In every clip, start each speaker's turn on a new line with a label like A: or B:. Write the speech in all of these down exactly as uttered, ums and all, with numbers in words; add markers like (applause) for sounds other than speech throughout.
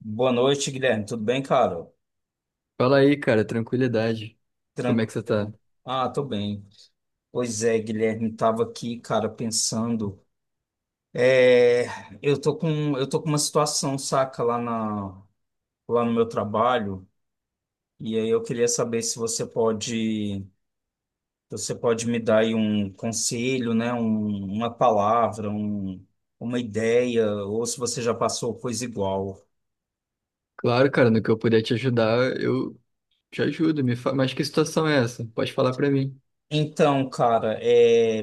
A: Boa noite, Guilherme. Tudo bem, cara?
B: Fala aí, cara, tranquilidade. Como é que você tá?
A: Tranquilo. Ah, tô bem. Pois é, Guilherme, tava aqui, cara, pensando. É, eu tô com, eu tô com uma situação, saca, lá na, lá no meu trabalho. E aí eu queria saber se você pode, você pode me dar aí um conselho, né? Um, uma palavra, um, uma ideia, ou se você já passou coisa igual.
B: Claro, cara, no que eu puder te ajudar, eu te ajudo. Me fa... Mas que situação é essa? Pode falar pra mim.
A: Então, cara, é.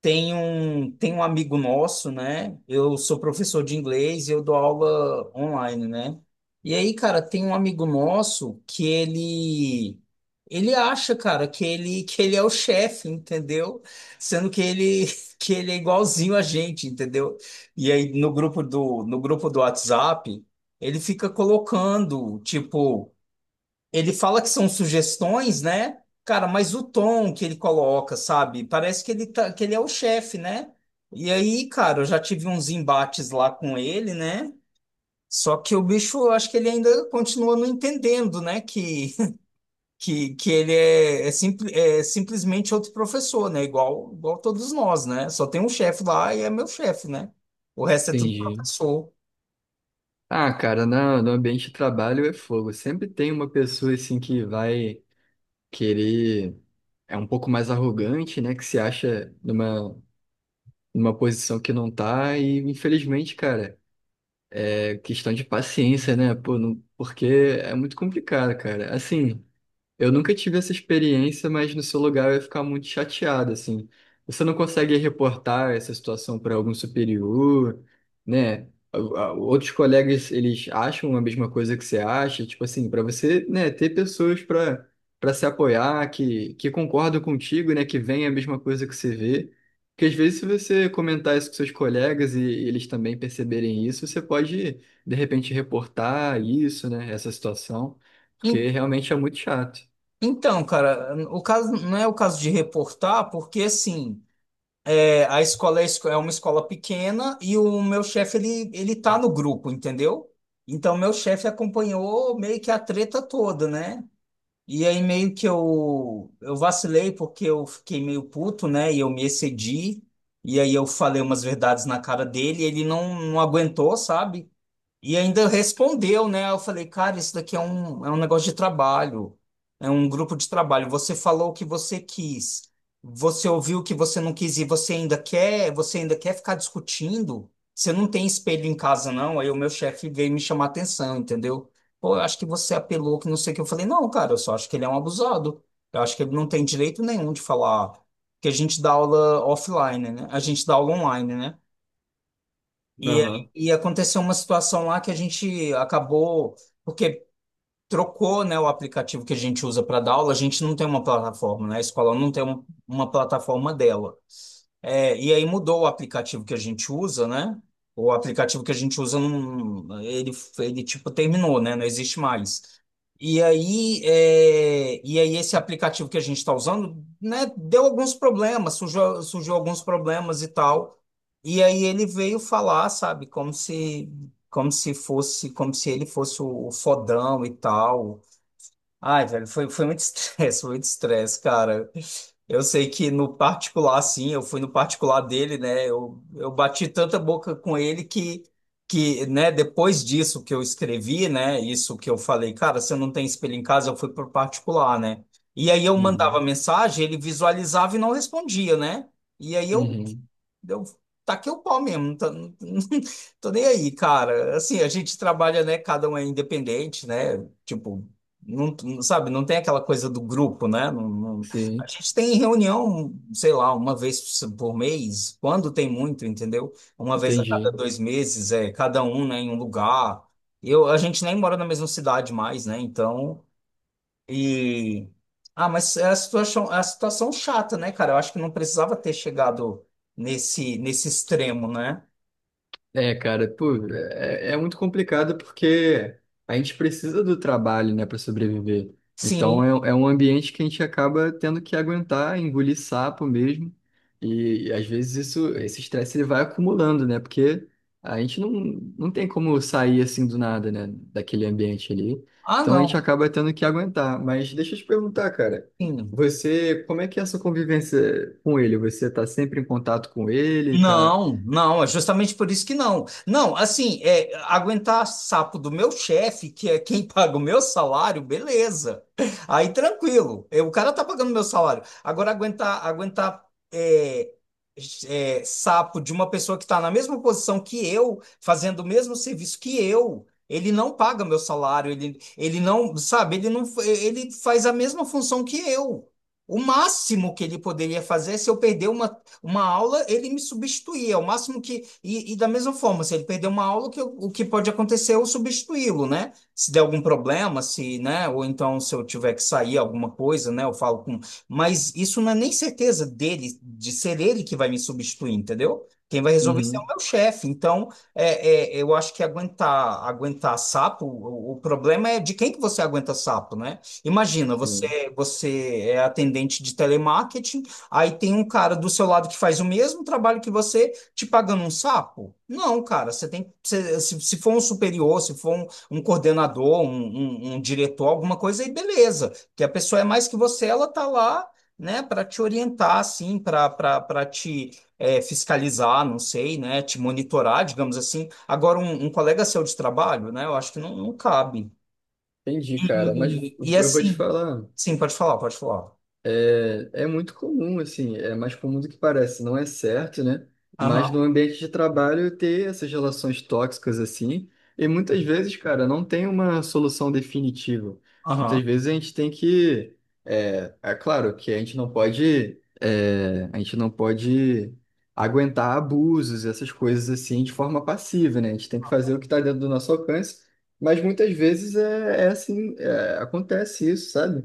A: Tem um, tem um amigo nosso, né? Eu sou professor de inglês e eu dou aula online, né? E aí, cara, tem um amigo nosso que ele ele acha, cara, que ele que ele é o chefe, entendeu? Sendo que ele (laughs) que ele é igualzinho a gente, entendeu? E aí no grupo do no grupo do WhatsApp, ele fica colocando, tipo, ele fala que são sugestões, né? Cara, mas o tom que ele coloca, sabe? Parece que ele tá, que ele é o chefe, né? E aí, cara, eu já tive uns embates lá com ele, né? Só que o bicho, eu acho que ele ainda continua não entendendo, né? Que, (laughs) que, que ele é, é, simpli- é simplesmente outro professor, né? Igual, igual todos nós, né? Só tem um chefe lá e é meu chefe, né? O resto é tudo
B: Entendi.
A: professor.
B: Ah, cara, na- no ambiente de trabalho é fogo. Sempre tem uma pessoa assim que vai querer. É um pouco mais arrogante, né? Que se acha numa, numa posição que não tá. E infelizmente, cara, é questão de paciência, né? Pô, não, porque é muito complicado, cara. Assim. Eu nunca tive essa experiência, mas no seu lugar eu ia ficar muito chateado, assim. Você não consegue reportar essa situação para algum superior, né? A- a- Outros colegas, eles acham a mesma coisa que você acha, tipo assim, para você, né, ter pessoas para para se apoiar, que, que concordam contigo, né, que veem a mesma coisa que você vê. Porque às vezes, se você comentar isso com seus colegas e eles também perceberem isso, você pode, de repente, reportar isso, né, essa situação, porque
A: En-
B: realmente é muito chato.
A: Então, cara, o caso não é o caso de reportar, porque assim. É, A escola é esco- é uma escola pequena e o meu chefe, ele, ele tá no grupo, entendeu? Então, meu chefe acompanhou meio que a treta toda, né? E aí, meio que eu, eu vacilei porque eu fiquei meio puto, né? E eu me excedi. E aí, eu falei umas verdades na cara dele e ele não, não aguentou, sabe? E ainda respondeu, né? Eu falei, cara, isso daqui é um, é um negócio de trabalho, é um grupo de trabalho. Você falou o que você quis, você ouviu o que você não quis e você ainda quer, você ainda quer ficar discutindo? Você não tem espelho em casa, não? Aí o meu chefe veio me chamar atenção, entendeu? Pô, eu acho que você apelou, que não sei o que. Eu falei, não, cara, eu só acho que ele é um abusado. Eu acho que ele não tem direito nenhum de falar que a gente dá aula offline, né? A gente dá aula online, né? E,
B: Aham.
A: e aconteceu uma situação lá que a gente acabou, porque trocou, né, o aplicativo que a gente usa para dar aula, a gente não tem uma plataforma, né? A escola não tem um- uma plataforma dela. É, e aí mudou o aplicativo que a gente usa, né? O aplicativo que a gente usa, não, ele, ele tipo terminou, né? Não existe mais. E aí, é, e aí esse aplicativo que a gente está usando, né, deu alguns problemas, surgiu, surgiu alguns problemas e tal. E aí ele veio falar, sabe, como se como se fosse, como se ele fosse o, o fodão e tal. Ai, velho, foi, foi muito (laughs) estresse, foi muito estresse, cara. Eu sei que no particular, sim, eu fui no particular dele, né? Eu, eu bati tanta boca com ele que, que, né, depois disso que eu escrevi, né, isso que eu falei, cara, você não tem espelho em casa, eu fui pro particular, né? E aí eu mandava
B: Uhum.
A: mensagem, ele visualizava e não respondia, né? E aí eu
B: Uhum.
A: eu taquei o pau mesmo, não tô, não- (laughs) tô nem aí, cara. Assim, a gente trabalha, né? Cada um é independente, né? Tipo, não, não- sabe, não tem aquela coisa do grupo, né? Não- não- a
B: Sim,
A: gente tem reunião, sei lá, uma vez por mês, quando tem muito, entendeu? Uma vez a cada
B: entendi.
A: dois meses, é cada um, né, em um lugar. Eu, a gente nem mora na mesma cidade mais, né? Então. E. Ah, mas é a situação, é a situação chata, né, cara? Eu acho que não precisava ter chegado nesse, nesse extremo, né?
B: É, cara, pô, é, é muito complicado porque a gente precisa do trabalho, né, para sobreviver.
A: Sim.
B: Então é, é um ambiente que a gente acaba tendo que aguentar, engolir sapo mesmo. E, e às vezes isso, esse estresse ele vai acumulando, né? Porque a gente não, não tem como sair assim do nada, né, daquele ambiente ali.
A: Ah,
B: Então a gente
A: não.
B: acaba tendo que aguentar. Mas deixa eu te perguntar, cara,
A: Sim.
B: você, como é que é a sua convivência com ele? Você tá sempre em contato com ele? Tá?
A: Não, não, é justamente por isso que não. Não, assim, é, aguentar sapo do meu chefe, que é quem (laughs) paga o meu salário, beleza. Aí tranquilo, é, o cara tá pagando meu salário. Agora, aguentar, aguentar é, é, sapo de uma pessoa que tá na mesma posição que eu, fazendo o mesmo serviço que eu, ele não paga meu salário, ele, ele não, sabe, ele não, ele faz a mesma função que eu. O máximo que ele poderia fazer é se eu perder uma uma aula, ele me substituía, o máximo que. E, e da mesma forma, se ele perder uma aula, o que, eu- o que pode acontecer é eu substituí-lo, né? Se der algum problema, se, né? Ou então se eu tiver que sair alguma coisa, né? Eu falo com. Mas isso não é nem certeza dele, de ser ele que vai me substituir, entendeu? Quem vai resolver isso é o
B: Uhum,
A: meu chefe. Então, é, é, eu acho que aguentar, aguentar sapo, o, o problema é de quem que você aguenta sapo, né? Imagina,
B: sim.
A: você, você é atendente de telemarketing. Aí tem um cara do seu lado que faz o mesmo trabalho que você, te pagando um sapo? Não, cara, você tem você- se, se for um superior, se for um, um coordenador, um, um- um diretor, alguma coisa, aí beleza. Que a pessoa é mais que você, ela tá lá, né, para te orientar, assim, para para te é, fiscalizar, não sei, né, te monitorar, digamos assim. Agora, um, um colega seu de trabalho, né, eu acho que não, não cabe.
B: Entendi, cara. Mas
A: E, e
B: eu vou te
A: assim,
B: falar.
A: sim, pode falar, pode falar.
B: É, é muito comum, assim, é mais comum do que parece, não é certo, né? Mas
A: Aham,
B: no ambiente de trabalho ter essas relações tóxicas assim, e muitas vezes, cara, não tem uma solução definitiva.
A: aham.
B: Muitas vezes a gente tem que, é, é claro que a gente não pode, é, a gente não pode aguentar abusos, essas coisas assim, de forma passiva, né? A gente tem que fazer o que está dentro do nosso alcance, mas muitas vezes é, é assim, é, acontece isso, sabe?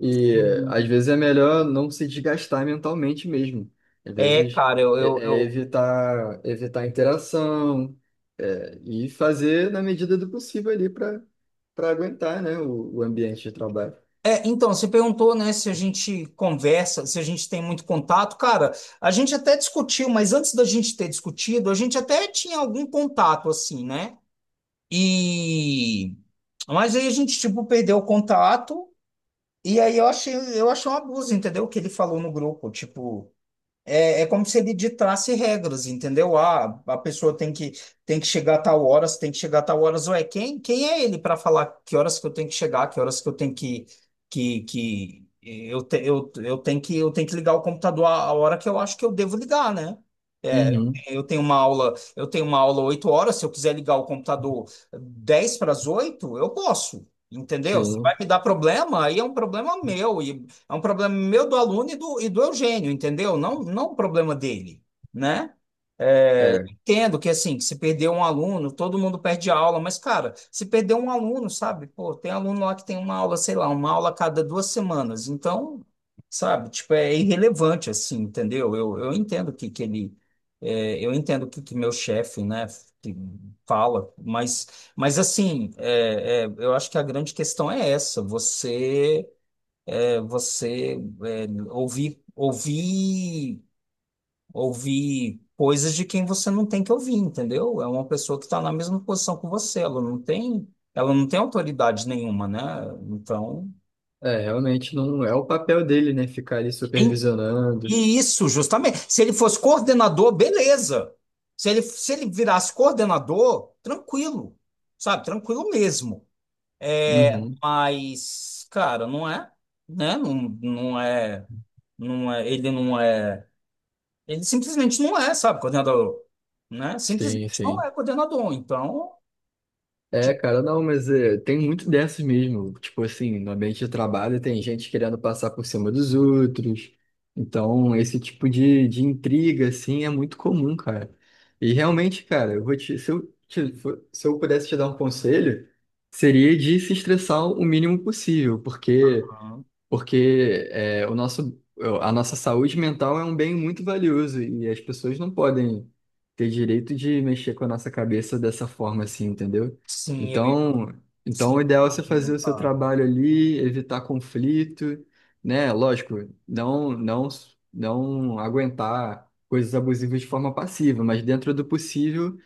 B: E às vezes é melhor não se desgastar mentalmente mesmo. Às
A: É,
B: vezes
A: cara, eu, eu,
B: é, é
A: eu-
B: evitar evitar a interação, é, e fazer na medida do possível ali para para aguentar, né, o, o ambiente de trabalho.
A: É, então, você perguntou, né, se a gente conversa, se a gente tem muito contato. Cara, a gente até discutiu, mas antes da gente ter discutido, a gente até tinha algum contato, assim, né? E... Mas aí a gente, tipo, perdeu o contato, e aí eu achei, eu achei um abuso, entendeu? O que ele falou no grupo, tipo. É, é como se ele ditasse regras, entendeu? Ah, a pessoa tem que, tem que chegar a tal horas, tem que chegar a tal horas. Ué, quem, quem é ele para falar que horas que eu tenho que chegar, que horas que eu tenho que, que, que eu, te- eu, eu tenho que, eu tenho que ligar o computador a, a hora que eu acho que eu devo ligar, né? É,
B: Uhum.
A: eu tenho uma aula, eu tenho uma aula, oito horas, se eu quiser ligar o computador dez para as oito eu posso, entendeu? Se vai
B: Sim.
A: me dar problema, aí é um problema meu. E é um problema meu do aluno e do, e do Eugênio, entendeu? Não, não o problema dele, né? É,
B: É,
A: entendo que assim, que se perder um aluno, todo mundo perde aula, mas cara, se perder um aluno, sabe? Pô, tem aluno lá que tem uma aula, sei lá, uma aula a cada duas semanas, então, sabe? Tipo, é irrelevante assim, entendeu? Eu, eu entendo que, que ele, é, eu entendo que, que meu chefe, né, que fala, mas, mas assim, é, é, eu acho que a grande questão é essa, você você é, ouvir, ouvir, ouvir coisas de quem você não tem que ouvir, entendeu? É uma pessoa que está na mesma posição que você, ela não tem, ela não tem autoridade nenhuma, né? Então,
B: é, realmente não é o papel dele, né? Ficar ali
A: em-
B: supervisionando.
A: e isso, justamente. Se ele fosse coordenador, beleza. Se ele, se ele virasse coordenador, tranquilo, sabe? Tranquilo mesmo. É,
B: Uhum.
A: mas, cara, não é, né? Não, não é, não é, ele não é. Ele simplesmente não é, sabe, coordenador, né? Simplesmente
B: Sim,
A: não
B: sim.
A: é coordenador. Então,
B: É,
A: tipo,
B: cara, não, mas é, tem muito dessas mesmo. Tipo assim, no ambiente de trabalho tem gente querendo passar por cima dos outros. Então, esse tipo de, de intriga, assim, é muito comum, cara. E realmente, cara, eu vou te, se eu, te- fo- se eu pudesse te dar um conselho, seria de se estressar o mínimo possível, porque
A: ah,
B: porque é, o nosso, a nossa saúde mental é um bem muito valioso e as pessoas não podem ter direito de mexer com a nossa cabeça dessa forma assim, entendeu?
A: sim, eu,
B: Então, então
A: sim,
B: o
A: eu
B: ideal é você fazer
A: imagino,
B: o seu
A: cara.
B: trabalho ali, evitar conflito, né? Lógico, não, não, não aguentar coisas abusivas de forma passiva, mas dentro do possível,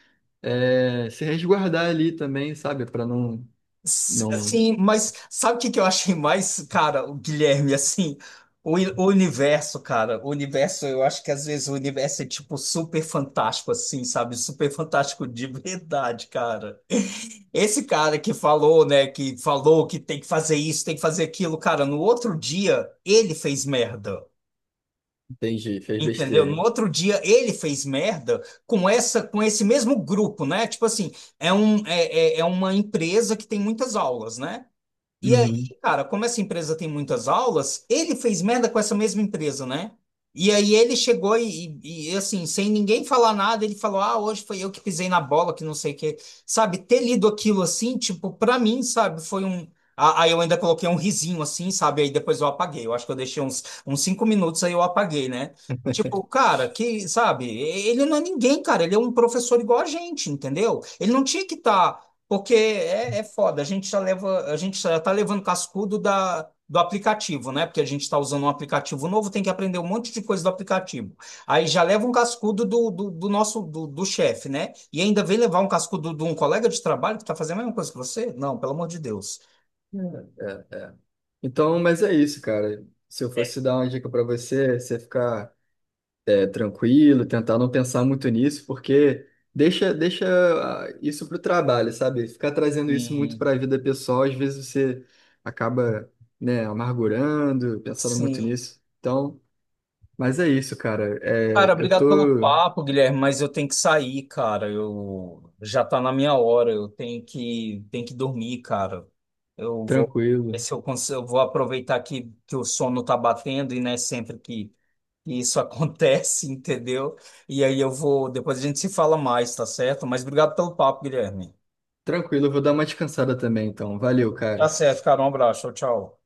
B: é, se resguardar ali também, sabe? Para não,
A: S-
B: não,
A: Sim, mas sabe o que que eu achei mais, cara, o Guilherme, assim, o, i- o universo, cara, o universo, eu acho que às vezes o universo é, tipo, super fantástico, assim, sabe? Super fantástico de verdade, cara. Esse cara que falou, né, que falou que tem que fazer isso, tem que fazer aquilo, cara, no outro dia, ele fez merda.
B: entendi, fez
A: Entendeu? No
B: besteira.
A: outro dia ele fez merda com essa, com esse mesmo grupo, né? Tipo assim, é um, é, é é uma empresa que tem muitas aulas, né? E aí,
B: Uhum.
A: cara, como essa empresa tem muitas aulas, ele fez merda com essa mesma empresa, né? E aí ele chegou e, e- e, assim, sem ninguém falar nada, ele falou: Ah, hoje foi eu que pisei na bola, que não sei o quê. Sabe, ter lido aquilo assim, tipo, pra mim, sabe, foi um. a- Aí eu ainda coloquei um risinho assim, sabe? Aí depois eu apaguei. Eu acho que eu deixei uns, uns cinco minutos, aí eu apaguei, né? Tipo, cara, que, sabe, ele não é ninguém, cara. Ele é um professor igual a gente, entendeu? Ele não tinha que estar. Porque é, é foda, a gente já leva, a gente já tá levando cascudo da, do aplicativo, né? Porque a gente está usando um aplicativo novo, tem que aprender um monte de coisa do aplicativo. Aí já leva um cascudo do, do, do nosso, do, do chefe, né? E ainda vem levar um cascudo de um colega de trabalho que está fazendo a mesma coisa que você? Não, pelo amor de Deus.
B: É, é. Então, mas é isso, cara. Se eu fosse dar uma dica pra você, é você ficar é, tranquilo, tentar não pensar muito nisso, porque deixa, deixa ah, isso pro trabalho, sabe? Ficar trazendo isso muito
A: Sim,
B: pra vida pessoal, às vezes você acaba, né, amargurando, pensando muito
A: sim.
B: nisso. Então, mas é isso, cara.
A: Cara,
B: É, eu
A: obrigado pelo
B: tô
A: papo, Guilherme, mas eu tenho que sair, cara. Eu já tá na minha hora, eu tenho que tenho que dormir, cara. Eu vou ver
B: tranquilo.
A: se eu consigo, eu vou aproveitar que, que o sono tá batendo e não é sempre que, que isso (laughs) acontece, entendeu? E aí eu vou, depois a gente se fala mais, tá certo? Mas obrigado pelo papo, Guilherme.
B: Tranquilo, eu vou dar uma descansada também, então. Valeu,
A: Tá
B: cara.
A: certo, cara. Um abraço. Tchau, tchau.